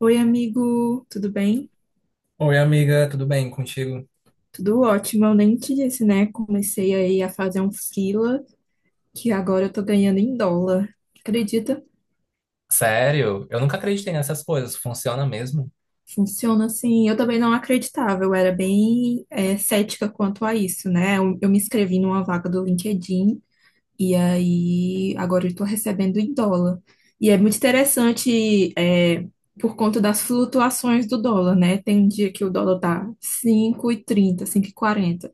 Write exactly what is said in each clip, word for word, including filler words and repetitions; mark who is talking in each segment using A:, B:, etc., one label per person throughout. A: Oi, amigo, tudo bem?
B: Oi, amiga, tudo bem contigo?
A: Tudo ótimo. Eu nem te disse, né? Comecei aí a fazer um freela que agora eu tô ganhando em dólar. Acredita?
B: Sério? Eu nunca acreditei nessas coisas. Funciona mesmo?
A: Funciona assim. Eu também não acreditava, eu era bem é, cética quanto a isso, né? Eu, eu me inscrevi numa vaga do LinkedIn e aí agora eu tô recebendo em dólar. E é muito interessante, é, por conta das flutuações do dólar, né? Tem dia que o dólar tá cinco e trinta, cinco e quarenta.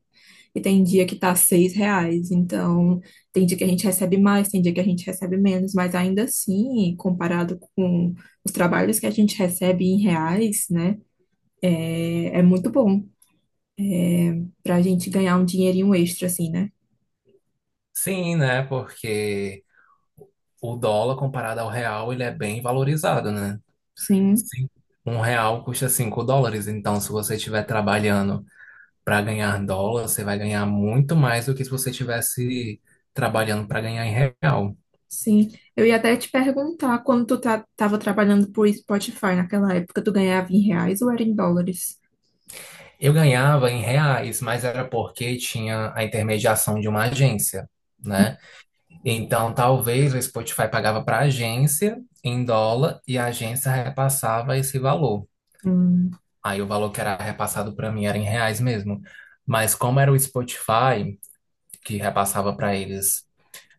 A: E tem dia que tá seis reais. Então, tem dia que a gente recebe mais, tem dia que a gente recebe menos, mas ainda assim, comparado com os trabalhos que a gente recebe em reais, né, é, é muito bom pra gente ganhar um dinheirinho extra, assim, né?
B: Sim, né? Porque o dólar comparado ao real, ele é bem valorizado, né?
A: Sim,
B: Sim. Um real custa cinco dólares. Então, se você estiver trabalhando para ganhar dólar, você vai ganhar muito mais do que se você estivesse trabalhando para ganhar em real.
A: sim. Eu ia até te perguntar, quando tu tá, tava trabalhando por Spotify naquela época, tu ganhava em reais ou era em dólares?
B: Eu ganhava em reais, mas era porque tinha a intermediação de uma agência, né? Então, talvez o Spotify pagava para a agência em dólar e a agência repassava esse valor. Aí o valor que era repassado para mim era em reais mesmo. Mas como era o Spotify que repassava para eles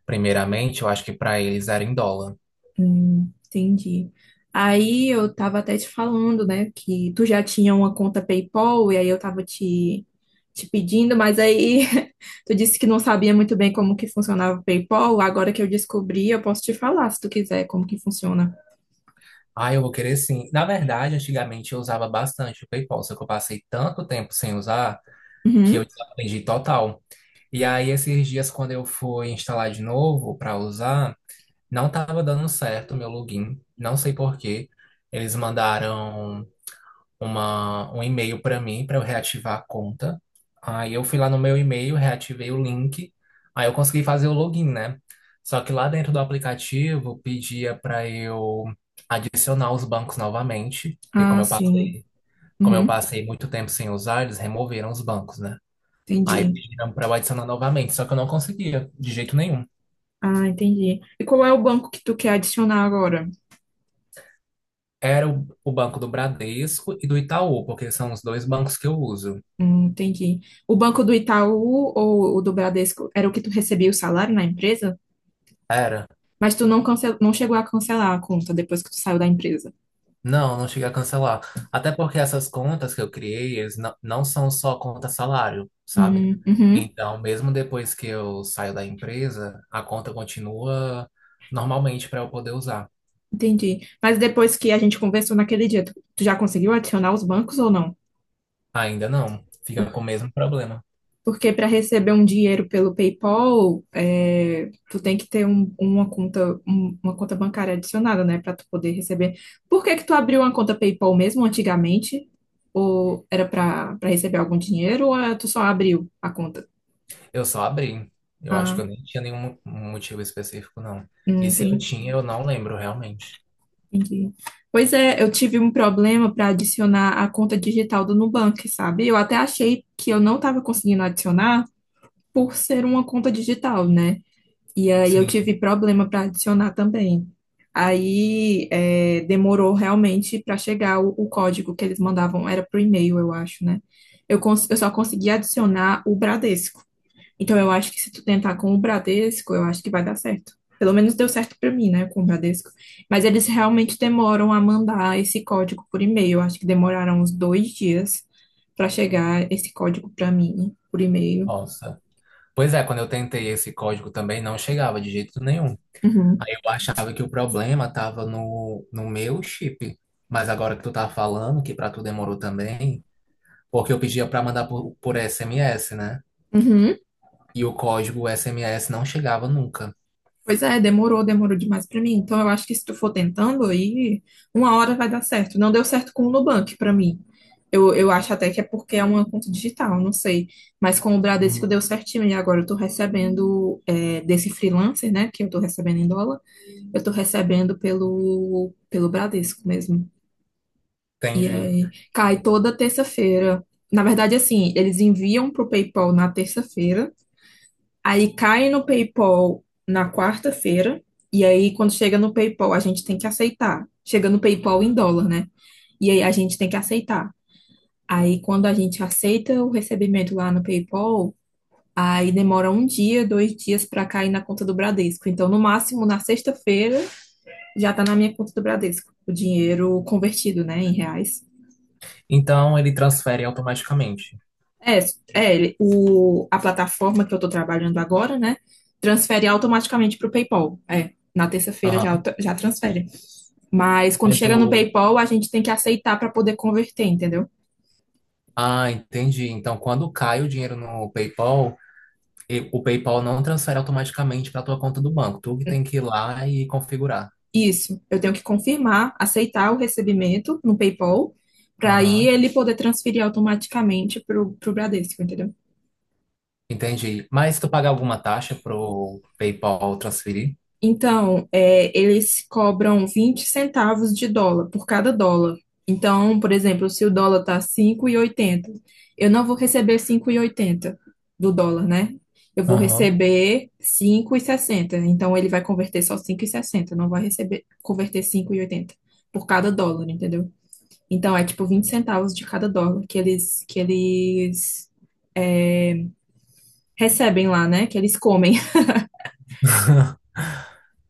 B: primeiramente, eu acho que para eles era em dólar.
A: Hum, entendi. Aí eu tava até te falando, né, que tu já tinha uma conta PayPal e aí eu tava te, te pedindo, mas aí tu disse que não sabia muito bem como que funcionava o PayPal. Agora que eu descobri, eu posso te falar, se tu quiser, como que funciona.
B: Ah, eu vou querer sim. Na verdade, antigamente eu usava bastante o PayPal, só que eu passei tanto tempo sem usar que eu
A: Uhum.
B: desaprendi total. E aí, esses dias, quando eu fui instalar de novo para usar, não estava dando certo o meu login, não sei por quê. Eles mandaram uma, um e-mail para mim para eu reativar a conta. Aí eu fui lá no meu e-mail, reativei o link, aí eu consegui fazer o login, né? Só que lá dentro do aplicativo pedia para eu adicionar os bancos novamente, porque como
A: Ah,
B: eu
A: sim.
B: passei, como eu
A: Uhum.
B: passei muito tempo sem usar, eles removeram os bancos, né? Aí
A: Entendi.
B: pediram para eu adicionar novamente, só que eu não conseguia de jeito nenhum.
A: Ah, entendi. E qual é o banco que tu quer adicionar agora?
B: Era o, o banco do Bradesco e do Itaú, porque são os dois bancos que eu uso.
A: Hum, entendi. O banco do Itaú ou o do Bradesco era o que tu recebia o salário na empresa?
B: Era.
A: Mas tu não, cancel... não chegou a cancelar a conta depois que tu saiu da empresa.
B: Não, não cheguei a cancelar. Até porque essas contas que eu criei, eles não, não são só conta salário, sabe?
A: Hum, uhum,
B: Então, mesmo depois que eu saio da empresa, a conta continua normalmente para eu poder usar.
A: entendi. Mas depois que a gente conversou naquele dia, tu, tu já conseguiu adicionar os bancos ou não?
B: Ainda não. Fica
A: Por-
B: com o mesmo problema.
A: Porque para receber um dinheiro pelo PayPal, é, tu tem que ter um- uma conta, um- uma conta bancária adicionada, né, para tu poder receber. Por que que tu abriu uma conta PayPal mesmo antigamente? Ou era para para receber algum dinheiro ou é, tu só abriu a conta?
B: Eu só abri. Eu acho que
A: Ah,
B: eu nem tinha nenhum motivo específico, não.
A: hum,
B: E se eu
A: entendi.
B: tinha, eu não lembro realmente.
A: Entendi. Pois é, eu tive um problema para adicionar a conta digital do Nubank, sabe? Eu até achei que eu não estava conseguindo adicionar por ser uma conta digital, né? E aí eu
B: Sim.
A: tive problema para adicionar também. Aí é, demorou realmente para chegar o, o código que eles mandavam, era pro e-mail, eu acho, né? Eu, cons- eu só consegui adicionar o Bradesco. Então eu acho que se tu tentar com o Bradesco, eu acho que vai dar certo. Pelo menos deu certo pra mim, né, com o Bradesco. Mas eles realmente demoram a mandar esse código por e-mail. Eu acho que demoraram uns dois dias pra chegar esse código pra mim por e-mail.
B: Nossa. Pois é, quando eu tentei esse código também não chegava de jeito nenhum.
A: Uhum.
B: Aí eu achava que o problema estava no, no meu chip. Mas agora que tu tá falando que para tu demorou também, porque eu pedia para mandar por, por S M S, né?
A: Uhum.
B: E o código S M S não chegava nunca.
A: Pois é, demorou, demorou demais para mim. Então eu acho que se tu for tentando aí, uma hora vai dar certo. Não deu certo com o Nubank para mim. Eu, eu acho até que é porque é uma conta digital, não sei. Mas com o Bradesco deu certinho. E agora eu tô recebendo é, desse freelancer, né? Que eu tô recebendo em dólar, eu tô recebendo pelo, pelo Bradesco mesmo. E
B: Entendi.
A: aí cai toda terça-feira. Na verdade, assim, eles enviam pro PayPal na terça-feira. Aí cai no PayPal na quarta-feira, e aí quando chega no PayPal, a gente tem que aceitar. Chega no PayPal em dólar, né? E aí a gente tem que aceitar. Aí quando a gente aceita o recebimento lá no PayPal, aí demora um dia, dois dias para cair na conta do Bradesco. Então, no máximo, na sexta-feira, já tá na minha conta do Bradesco, o dinheiro convertido, né, em reais.
B: Então ele transfere automaticamente.
A: É, é ele- o, a plataforma que eu estou trabalhando agora, né? Transfere automaticamente para o PayPal. É, na terça-feira já,
B: Aham.
A: auto- já transfere. Mas quando
B: Mas
A: chega no
B: o...
A: PayPal, a gente tem que aceitar para poder converter, entendeu?
B: Ah, entendi. Então quando cai o dinheiro no PayPal, e- o PayPal não transfere automaticamente para tua conta do banco. Tu que tem que ir lá e configurar.
A: Isso. Eu tenho que confirmar, aceitar o recebimento no PayPal, para aí
B: Aham.
A: ele poder transferir automaticamente para o Bradesco, entendeu?
B: Entendi. Mas tu paga alguma taxa pro PayPal transferir?
A: Então, é, eles cobram vinte centavos de dólar por cada dólar. Então, por exemplo, se o dólar tá cinco e oitenta, eu não vou receber cinco e oitenta do dólar, né? Eu vou
B: Aham.
A: receber cinco e sessenta. Então, ele vai converter só cinco e sessenta, não vai receber converter cinco e oitenta por cada dólar, entendeu? Então, é tipo vinte centavos de cada dólar que eles que eles é, recebem lá, né? Que eles comem.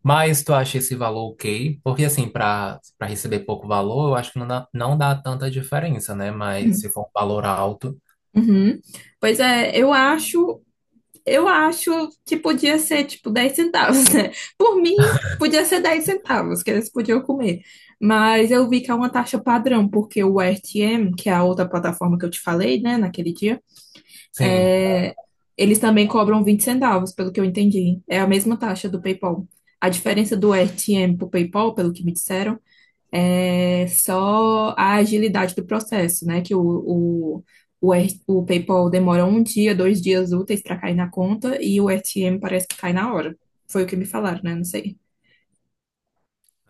B: Mas tu acha esse valor ok? Porque assim, para para receber pouco valor, eu acho que não dá, não dá tanta diferença, né? Mas se for um valor alto,
A: Uhum. Pois é, eu acho Eu acho que podia ser tipo dez centavos, né? Por mim, podia ser dez centavos que eles podiam comer. Mas eu vi que é uma taxa padrão, porque o R T M, que é a outra plataforma que eu te falei, né, naquele dia,
B: sim.
A: é, eles também cobram vinte centavos, pelo que eu entendi. É a mesma taxa do PayPal. A diferença do R T M pro PayPal, pelo que me disseram, é só a agilidade do processo, né? Que o, o, o, R- o PayPal demora um dia, dois dias úteis para cair na conta e o R T M parece que cai na hora. Foi o que me falaram, né? Não sei.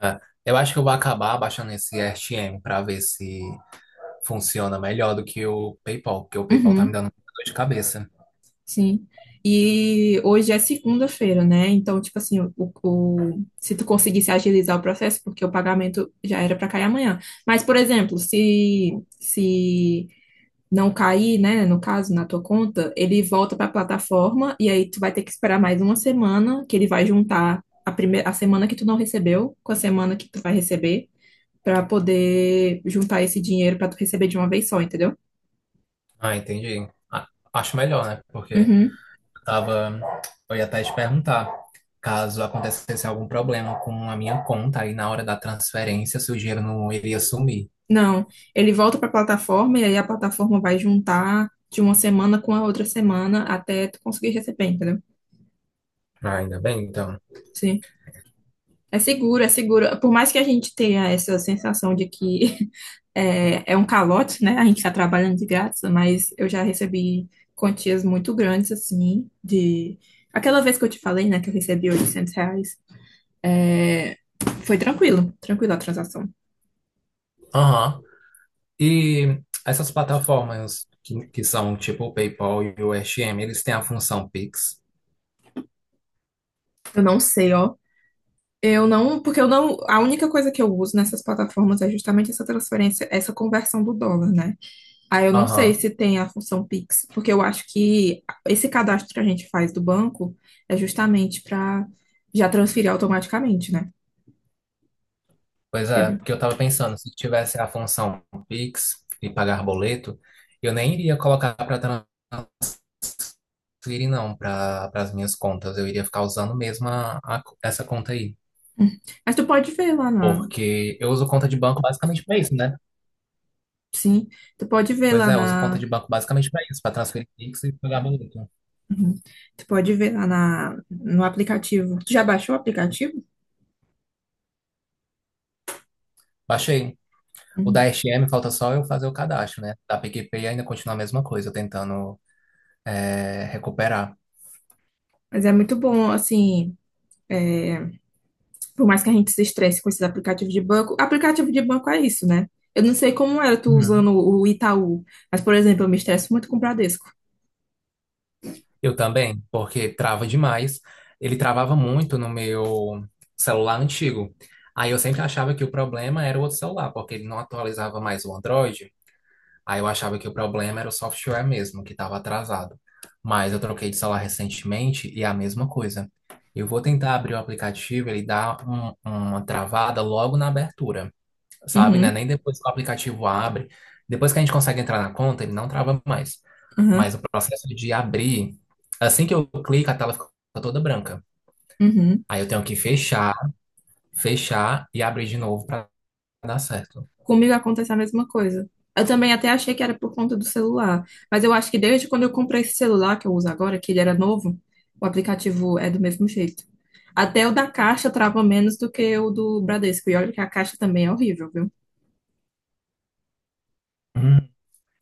B: É. Eu acho que eu vou acabar baixando esse R T M para ver se funciona melhor do que o PayPal, porque o PayPal tá me
A: Uhum,
B: dando muita dor de cabeça.
A: sim. E hoje é segunda-feira, né? Então, tipo assim, o, o- se tu conseguisse agilizar o processo, porque o pagamento já era para cair amanhã. Mas, por exemplo, se, se não cair, né, no caso, na tua conta, ele volta para a plataforma e aí tu vai ter que esperar mais uma semana que ele vai juntar a primeira, a semana que tu não recebeu com a semana que tu vai receber para poder juntar esse dinheiro para tu receber de uma vez só, entendeu?
B: Ah, entendi. Ah, acho melhor, né? Porque
A: Uhum.
B: tava, eu ia até te perguntar, caso acontecesse algum problema com a minha conta aí na hora da transferência, se o dinheiro não iria sumir.
A: Não, ele volta para a plataforma e aí a plataforma vai juntar de uma semana com a outra semana até tu conseguir receber, entendeu?
B: Ah, ainda bem, então.
A: Sim. É seguro, é seguro. Por mais que a gente tenha essa sensação de que É, é um calote, né? A gente está trabalhando de graça, mas eu já recebi quantias muito grandes, assim, de... Aquela vez que eu te falei, né, que eu recebi oitocentos reais, é, foi tranquilo, tranquilo a transação.
B: Aham. E essas plataformas que, que são tipo o PayPal e o S M, eles têm a função Pix?
A: Eu não sei, ó. Eu não, porque eu não, a única coisa que eu uso nessas plataformas é justamente essa transferência, essa conversão do dólar, né? Aí eu não sei
B: Aham.
A: se tem a função Pix, porque eu acho que esse cadastro que a gente faz do banco é justamente para já transferir automaticamente, né?
B: Pois é,
A: Entendeu?
B: porque eu tava pensando, se tivesse a função Pix e pagar boleto, eu nem iria colocar para transferir, não, para as minhas contas. Eu iria ficar usando mesmo a- a- essa conta aí.
A: Uhum. Mas tu pode ver lá na,
B: Porque eu uso conta de banco basicamente para isso, né?
A: sim, tu pode ver
B: Pois
A: lá
B: é, eu uso conta
A: na,
B: de banco basicamente para isso, para transferir Pix e pagar boleto.
A: uhum. Tu pode ver lá na, no aplicativo. Tu já baixou o aplicativo?
B: Baixei. O da
A: Uhum.
B: S M, falta só eu fazer o cadastro, né? Da PicPay ainda continua a mesma coisa, tentando é, recuperar.
A: Mas é muito bom, assim, é, por mais que a gente se estresse com esses aplicativos de banco, aplicativo de banco é isso, né? Eu não sei como era tu
B: Uhum.
A: usando o Itaú, mas, por exemplo, eu me estresso muito com o Bradesco.
B: Eu também, porque trava demais. Ele travava muito no meu celular antigo. Aí eu sempre achava que o problema era o outro celular, porque ele não atualizava mais o Android. Aí eu achava que o problema era o software mesmo, que estava atrasado. Mas eu troquei de celular recentemente e é a mesma coisa. Eu vou tentar abrir o aplicativo, ele dá um- uma travada logo na abertura, sabe, né?
A: Uhum,
B: Nem depois que o aplicativo abre. Depois que a gente consegue entrar na conta, ele não trava mais.
A: uhum,
B: Mas o processo de abrir, assim que eu clico, a tela fica toda branca.
A: uhum.
B: Aí eu tenho que fechar, fechar e abrir de novo para dar certo.
A: Comigo acontece a mesma coisa. Eu também até achei que era por conta do celular, mas eu acho que desde quando eu comprei esse celular que eu uso agora, que ele era novo, o aplicativo é do mesmo jeito. Até o da Caixa trava menos do que o do Bradesco. E olha que a Caixa também é horrível, viu?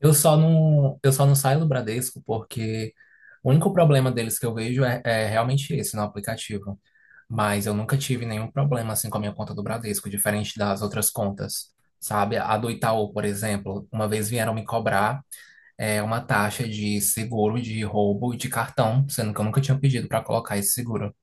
B: Eu só não, eu só não saio do Bradesco porque o único problema deles que eu vejo é, é realmente esse no aplicativo. Mas eu nunca tive nenhum problema assim com a minha conta do Bradesco, diferente das outras contas, sabe? A do Itaú, por exemplo, uma vez vieram me cobrar é, uma taxa de seguro de roubo de cartão, sendo que eu nunca tinha pedido para colocar esse seguro.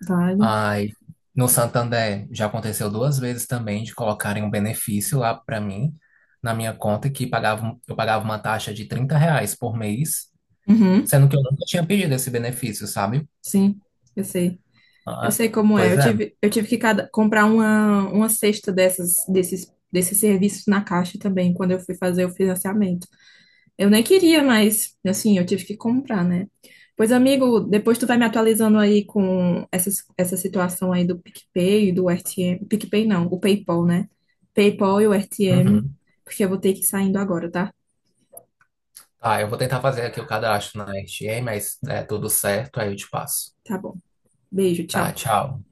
A: Vale.
B: Aí, no Santander já aconteceu duas vezes também de colocarem um benefício lá para mim, na minha conta, que pagava, um, eu pagava uma taxa de trinta reais por mês,
A: Uhum,
B: sendo que eu nunca tinha pedido esse benefício, sabe?
A: sim, eu sei. Eu
B: Ah,
A: sei como é.
B: pois
A: Eu
B: é.
A: tive, eu tive que cada- comprar uma, uma cesta dessas, desses, desses serviços na Caixa também, quando eu fui fazer o financiamento. Eu nem queria, mas assim, eu tive que comprar, né? Pois, amigo, depois tu vai me atualizando aí com essa, essa situação aí do PicPay e do R T M. PicPay não, o PayPal, né? PayPal e o R T M,
B: Uhum.
A: porque eu vou ter que ir saindo agora, tá?
B: Tá, eu vou tentar fazer aqui o cadastro na R T A, mas é tudo certo, aí eu te passo.
A: Tá bom. Beijo,
B: Tá,
A: tchau.
B: tchau.